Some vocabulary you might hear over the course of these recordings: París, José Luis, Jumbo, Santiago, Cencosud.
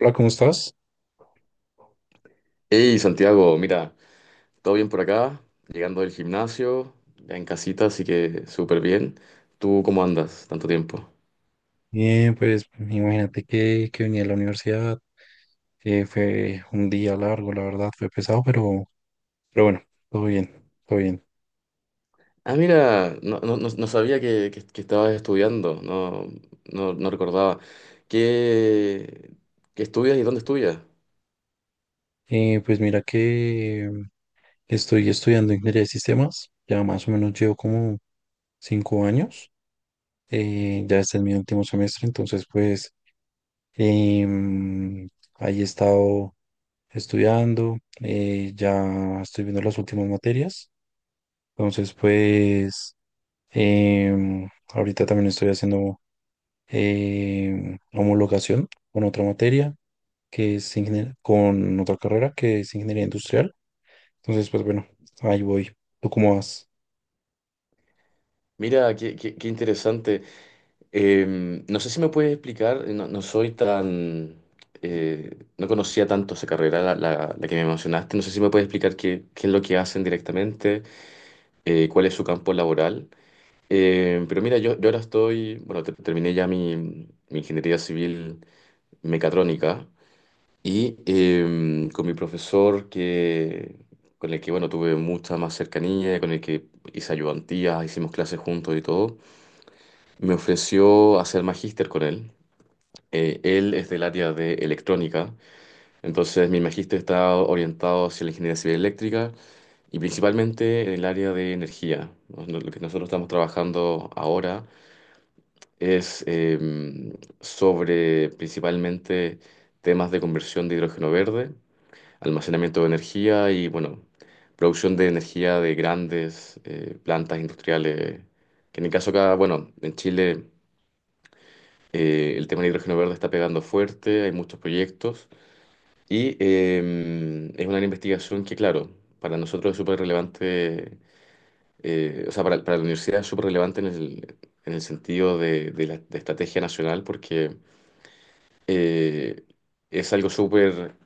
Hola, ¿cómo estás? Hey Santiago, mira, todo bien por acá, llegando del gimnasio, ya en casita, así que súper bien. ¿Tú cómo andas? Tanto tiempo. Bien, pues imagínate que venía a la universidad, fue un día largo, la verdad, fue pesado, pero bueno, todo bien, todo bien. Ah, mira, no, no, no sabía que estabas estudiando, no, no, no recordaba. ¿Qué, qué estudias y dónde estudias? Pues mira que estoy estudiando ingeniería de sistemas, ya más o menos llevo como cinco años, ya este es mi último semestre, entonces pues em, ahí he estado estudiando, ya estoy viendo las últimas materias, entonces pues... Em, Ahorita también estoy haciendo homologación con otra materia que es con otra carrera que es ingeniería industrial. Entonces, pues bueno, ahí voy. ¿Tú cómo vas? Mira, qué interesante. No sé si me puedes explicar, no soy tan... no conocía tanto esa carrera, la que me mencionaste. No sé si me puedes explicar qué es lo que hacen directamente. Cuál es su campo laboral. Pero mira, yo ahora estoy, bueno, terminé ya mi ingeniería civil mecatrónica y con mi profesor con el que, bueno, tuve mucha más cercanía, con el que hice ayudantías, hicimos clases juntos y todo, me ofreció hacer magíster con él. Él es del área de electrónica, entonces mi magíster está orientado hacia la ingeniería civil eléctrica y principalmente en el área de energía. ¿No? Lo que nosotros estamos trabajando ahora es sobre principalmente temas de conversión de hidrógeno verde, almacenamiento de energía y, bueno, producción de energía de grandes plantas industriales. Que en el caso acá, bueno, en Chile el tema del hidrógeno verde está pegando fuerte, hay muchos proyectos y es una investigación que, claro, para nosotros es súper relevante. O sea, para la universidad es súper relevante en el sentido de la de estrategia nacional porque eh, es algo súper,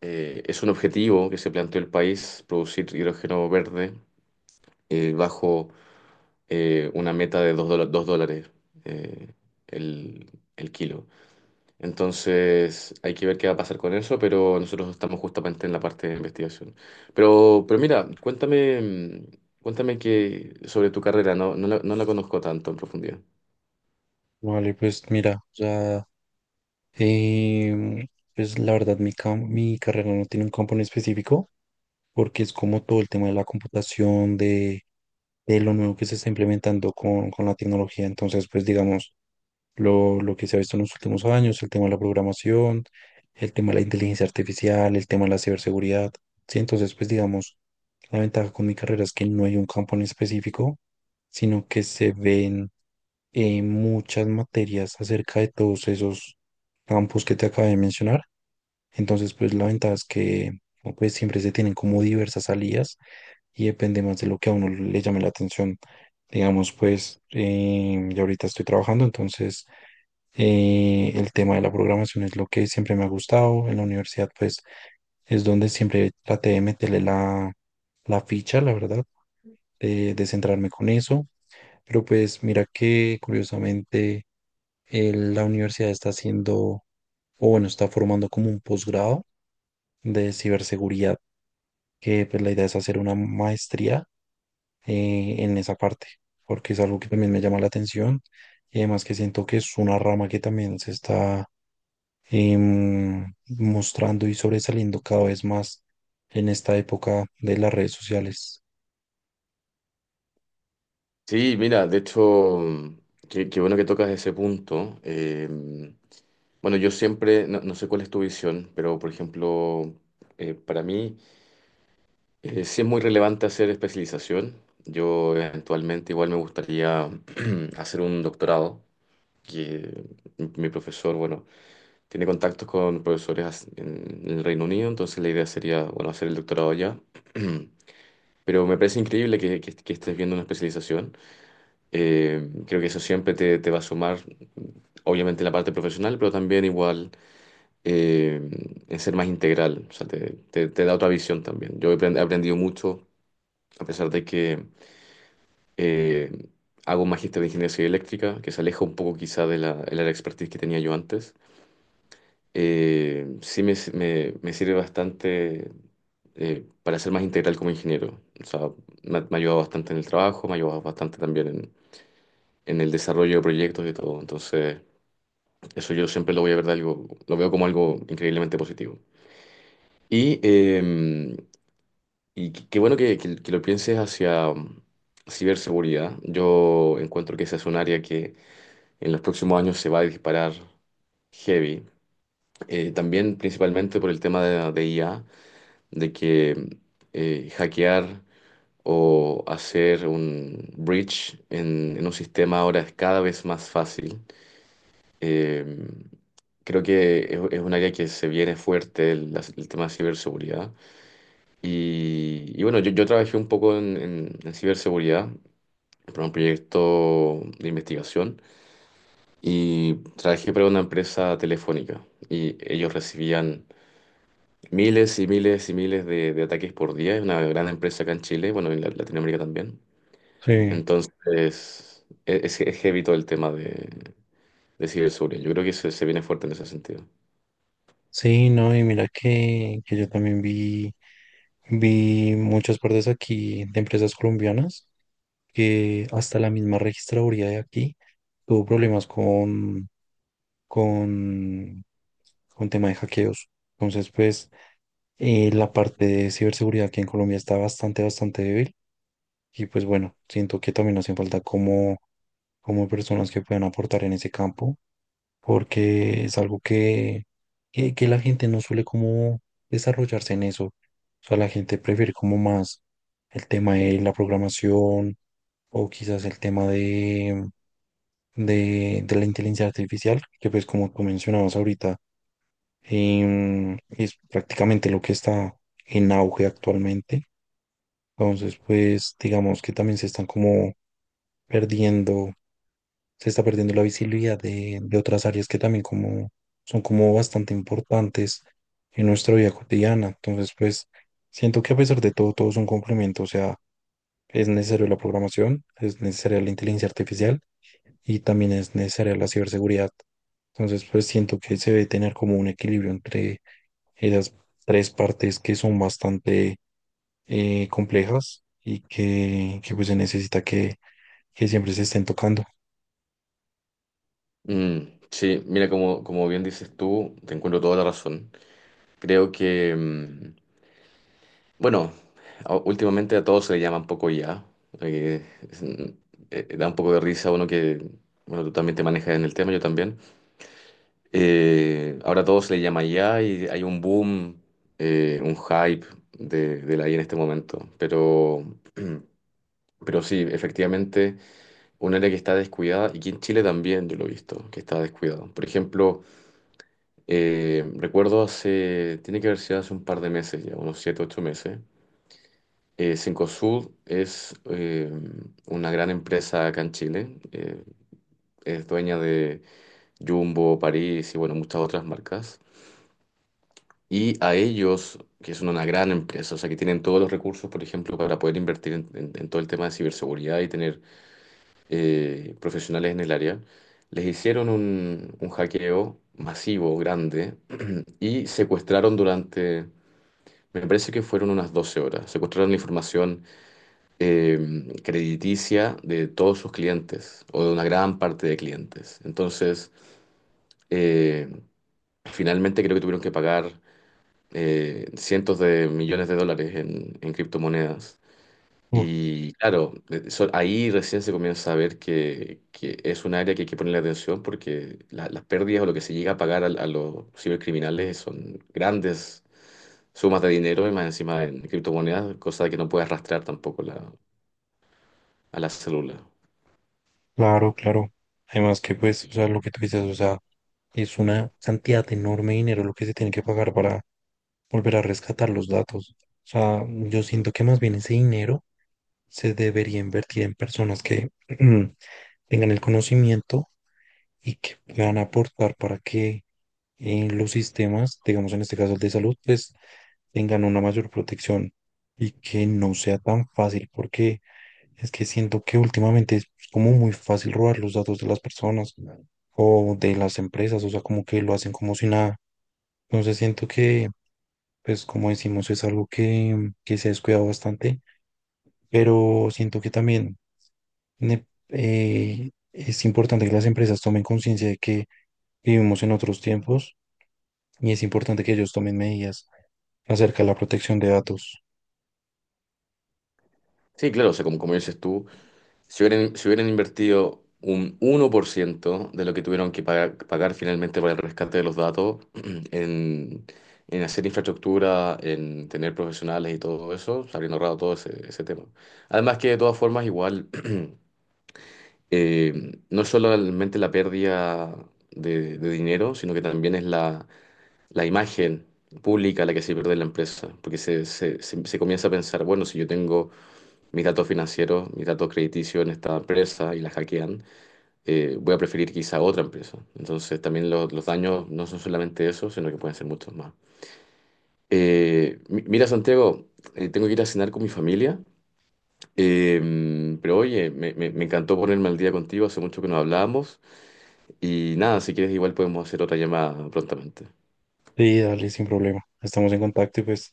es un objetivo que se planteó el país, producir hidrógeno verde bajo una meta de dos dólares eh, el, el kilo. Entonces hay que ver qué va a pasar con eso, pero nosotros estamos justamente en la parte de investigación. Pero mira, cuéntame que sobre tu carrera, no, no la conozco tanto en profundidad. Vale, pues mira, ya, em, pues la verdad, mi carrera no tiene un campo en específico porque es como todo el tema de la computación, de lo nuevo que se está implementando con la tecnología. Entonces, pues digamos, lo que se ha visto en los últimos años, el tema de la programación, el tema de la inteligencia artificial, el tema de la ciberseguridad. Sí, entonces, pues digamos, la ventaja con mi carrera es que no hay un campo en específico, sino que se ven muchas materias acerca de todos esos campos que te acabé de mencionar. Entonces, pues la ventaja es que pues siempre se tienen como diversas salidas y depende más de lo que a uno le llame la atención. Digamos, pues yo ahorita estoy trabajando, entonces el tema de la programación es lo que siempre me ha gustado. En la universidad, pues, es donde siempre traté de meterle la, la ficha, la verdad, de centrarme con eso. Pero pues, mira que curiosamente la universidad está haciendo, o bueno, está formando como un posgrado de ciberseguridad, que pues la idea es hacer una maestría en esa parte, porque es algo que también me llama la atención. Y además que siento que es una rama que también se está em, mostrando y sobresaliendo cada vez más en esta época de las redes sociales. Sí, mira, de hecho, qué bueno que tocas ese punto. Bueno, yo siempre, no sé cuál es tu visión, pero por ejemplo, para mí sí es muy relevante hacer especialización. Yo eventualmente igual me gustaría hacer un doctorado. Que mi profesor, bueno, tiene contactos con profesores en el Reino Unido, entonces la idea sería, bueno, hacer el doctorado allá. Pero me parece increíble que estés viendo una especialización. Creo que eso siempre te va a sumar, obviamente, en la parte profesional, pero también igual eh, en ser más integral. O sea, te da otra visión también. Yo he aprendido mucho, a pesar de que eh, hago un magíster de ingeniería civil eléctrica, que se aleja un poco quizá de el área de expertise que tenía yo antes. Sí me sirve bastante para ser más integral como ingeniero. O sea, me ha ayudado bastante en el trabajo, me ha ayudado bastante también en el desarrollo de proyectos y todo. Entonces, eso yo siempre lo voy a ver de algo, lo veo como algo increíblemente positivo. Y, eh, y qué bueno que lo pienses hacia ciberseguridad. Yo encuentro que esa es un área que en los próximos años se va a disparar heavy. También principalmente por el tema de IA, de que hackear o hacer un breach en un sistema ahora es cada vez más fácil. Eh, Creo que es un área que se viene fuerte el tema de ciberseguridad. Y bueno, yo trabajé un poco en, en ciberseguridad para un proyecto de investigación y trabajé para una empresa telefónica y ellos recibían miles y miles y miles de ataques por día. Es una gran empresa acá en Chile, bueno, en Latinoamérica también. Sí. Entonces, es heavy todo el tema de ciberseguridad. Yo creo que se viene fuerte en ese sentido. Sí, no, y mira que yo también vi muchas partes aquí de empresas colombianas que hasta la misma registraduría de aquí tuvo problemas con, con tema de hackeos. Entonces, pues, la parte de ciberseguridad aquí en Colombia está bastante, bastante débil. Y pues bueno, siento que también hacen falta como, como personas que puedan aportar en ese campo, porque es algo que la gente no suele como desarrollarse en eso. O sea, la gente prefiere como más el tema de la programación o quizás el tema de la inteligencia artificial, que pues como tú mencionabas ahorita, es prácticamente lo que está en auge actualmente. Entonces, pues digamos que también se están como perdiendo se está perdiendo la visibilidad de otras áreas que también como son como bastante importantes en nuestra vida cotidiana. Entonces, pues siento que a pesar de todo, todo es un complemento, o sea, es necesario la programación, es necesaria la inteligencia artificial y también es necesaria la ciberseguridad. Entonces, pues siento que se debe tener como un equilibrio entre esas tres partes que son bastante complejas y pues se necesita que siempre se estén tocando. Mm, sí, mira, como bien dices tú, te encuentro toda la razón. Creo que, bueno, últimamente a todos se le llama un poco ya. Da un poco de risa a uno que, bueno, tú también te manejas en el tema, yo también. Ahora todo se le llama IA y hay un boom, un hype de la IA en este momento. Pero sí, efectivamente, un área que está descuidada y que en Chile también yo lo he visto, que está descuidado. Por ejemplo, recuerdo hace, tiene que haber sido hace un par de meses ya, unos 7, 8 meses. Cencosud es una gran empresa acá en Chile. Es dueña de Jumbo, París y bueno, muchas otras marcas. Y a ellos, que son una gran empresa, o sea, que tienen todos los recursos, por ejemplo, para poder invertir en, en todo el tema de ciberseguridad y tener profesionales en el área, les hicieron un hackeo masivo, grande, y secuestraron durante, me parece que fueron unas 12 horas, secuestraron la información crediticia de todos sus clientes, o de una gran parte de clientes. Entonces, eh, finalmente creo que tuvieron que pagar cientos de millones de dólares en criptomonedas. Y claro, ahí recién se comienza a ver que es un área que hay que ponerle atención porque las pérdidas o lo que se llega a pagar a los cibercriminales son grandes sumas de dinero y más encima en criptomonedas, cosa que no puede arrastrar tampoco a la célula. Claro, claro. Además que pues, o sea, lo que tú dices, o sea, es una cantidad enorme de dinero lo que se tiene que pagar para volver a rescatar los datos. O sea, yo siento que más bien ese dinero se debería invertir en personas que tengan el conocimiento y que puedan aportar para que los sistemas, digamos en este caso el de salud, pues tengan una mayor protección y que no sea tan fácil porque es que siento que últimamente es como muy fácil robar los datos de las personas o de las empresas, o sea, como que lo hacen como si nada. Entonces siento que, pues como decimos, es algo que se ha descuidado bastante, pero siento que también es importante que las empresas tomen conciencia de que vivimos en otros tiempos y es importante que ellos tomen medidas acerca de la protección de datos. Sí, claro, o sea, como dices tú, si hubieran invertido un 1% de lo que tuvieron que pagar, finalmente para el rescate de los datos en, en hacer infraestructura, en tener profesionales y todo eso, se habrían ahorrado todo ese tema. Además que de todas formas igual, no es solamente la pérdida de dinero, sino que también es la, la imagen pública la que se pierde en la empresa, porque se comienza a pensar, bueno, si yo tengo mis datos financieros, mis datos crediticios en esta empresa y la hackean, voy a preferir quizá otra empresa. Entonces también los daños no son solamente eso, sino que pueden ser muchos más. Mira, Santiago, tengo que ir a cenar con mi familia, pero oye, me encantó ponerme al día contigo, hace mucho que no hablábamos y nada, si quieres igual podemos hacer otra llamada prontamente. Sí, dale, sin problema. Estamos en contacto y pues...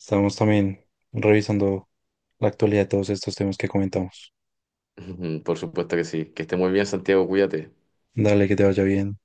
Estamos también revisando la actualidad de todos estos temas que comentamos. Por supuesto que sí, que esté muy bien, Santiago, cuídate. Dale, que te vaya bien.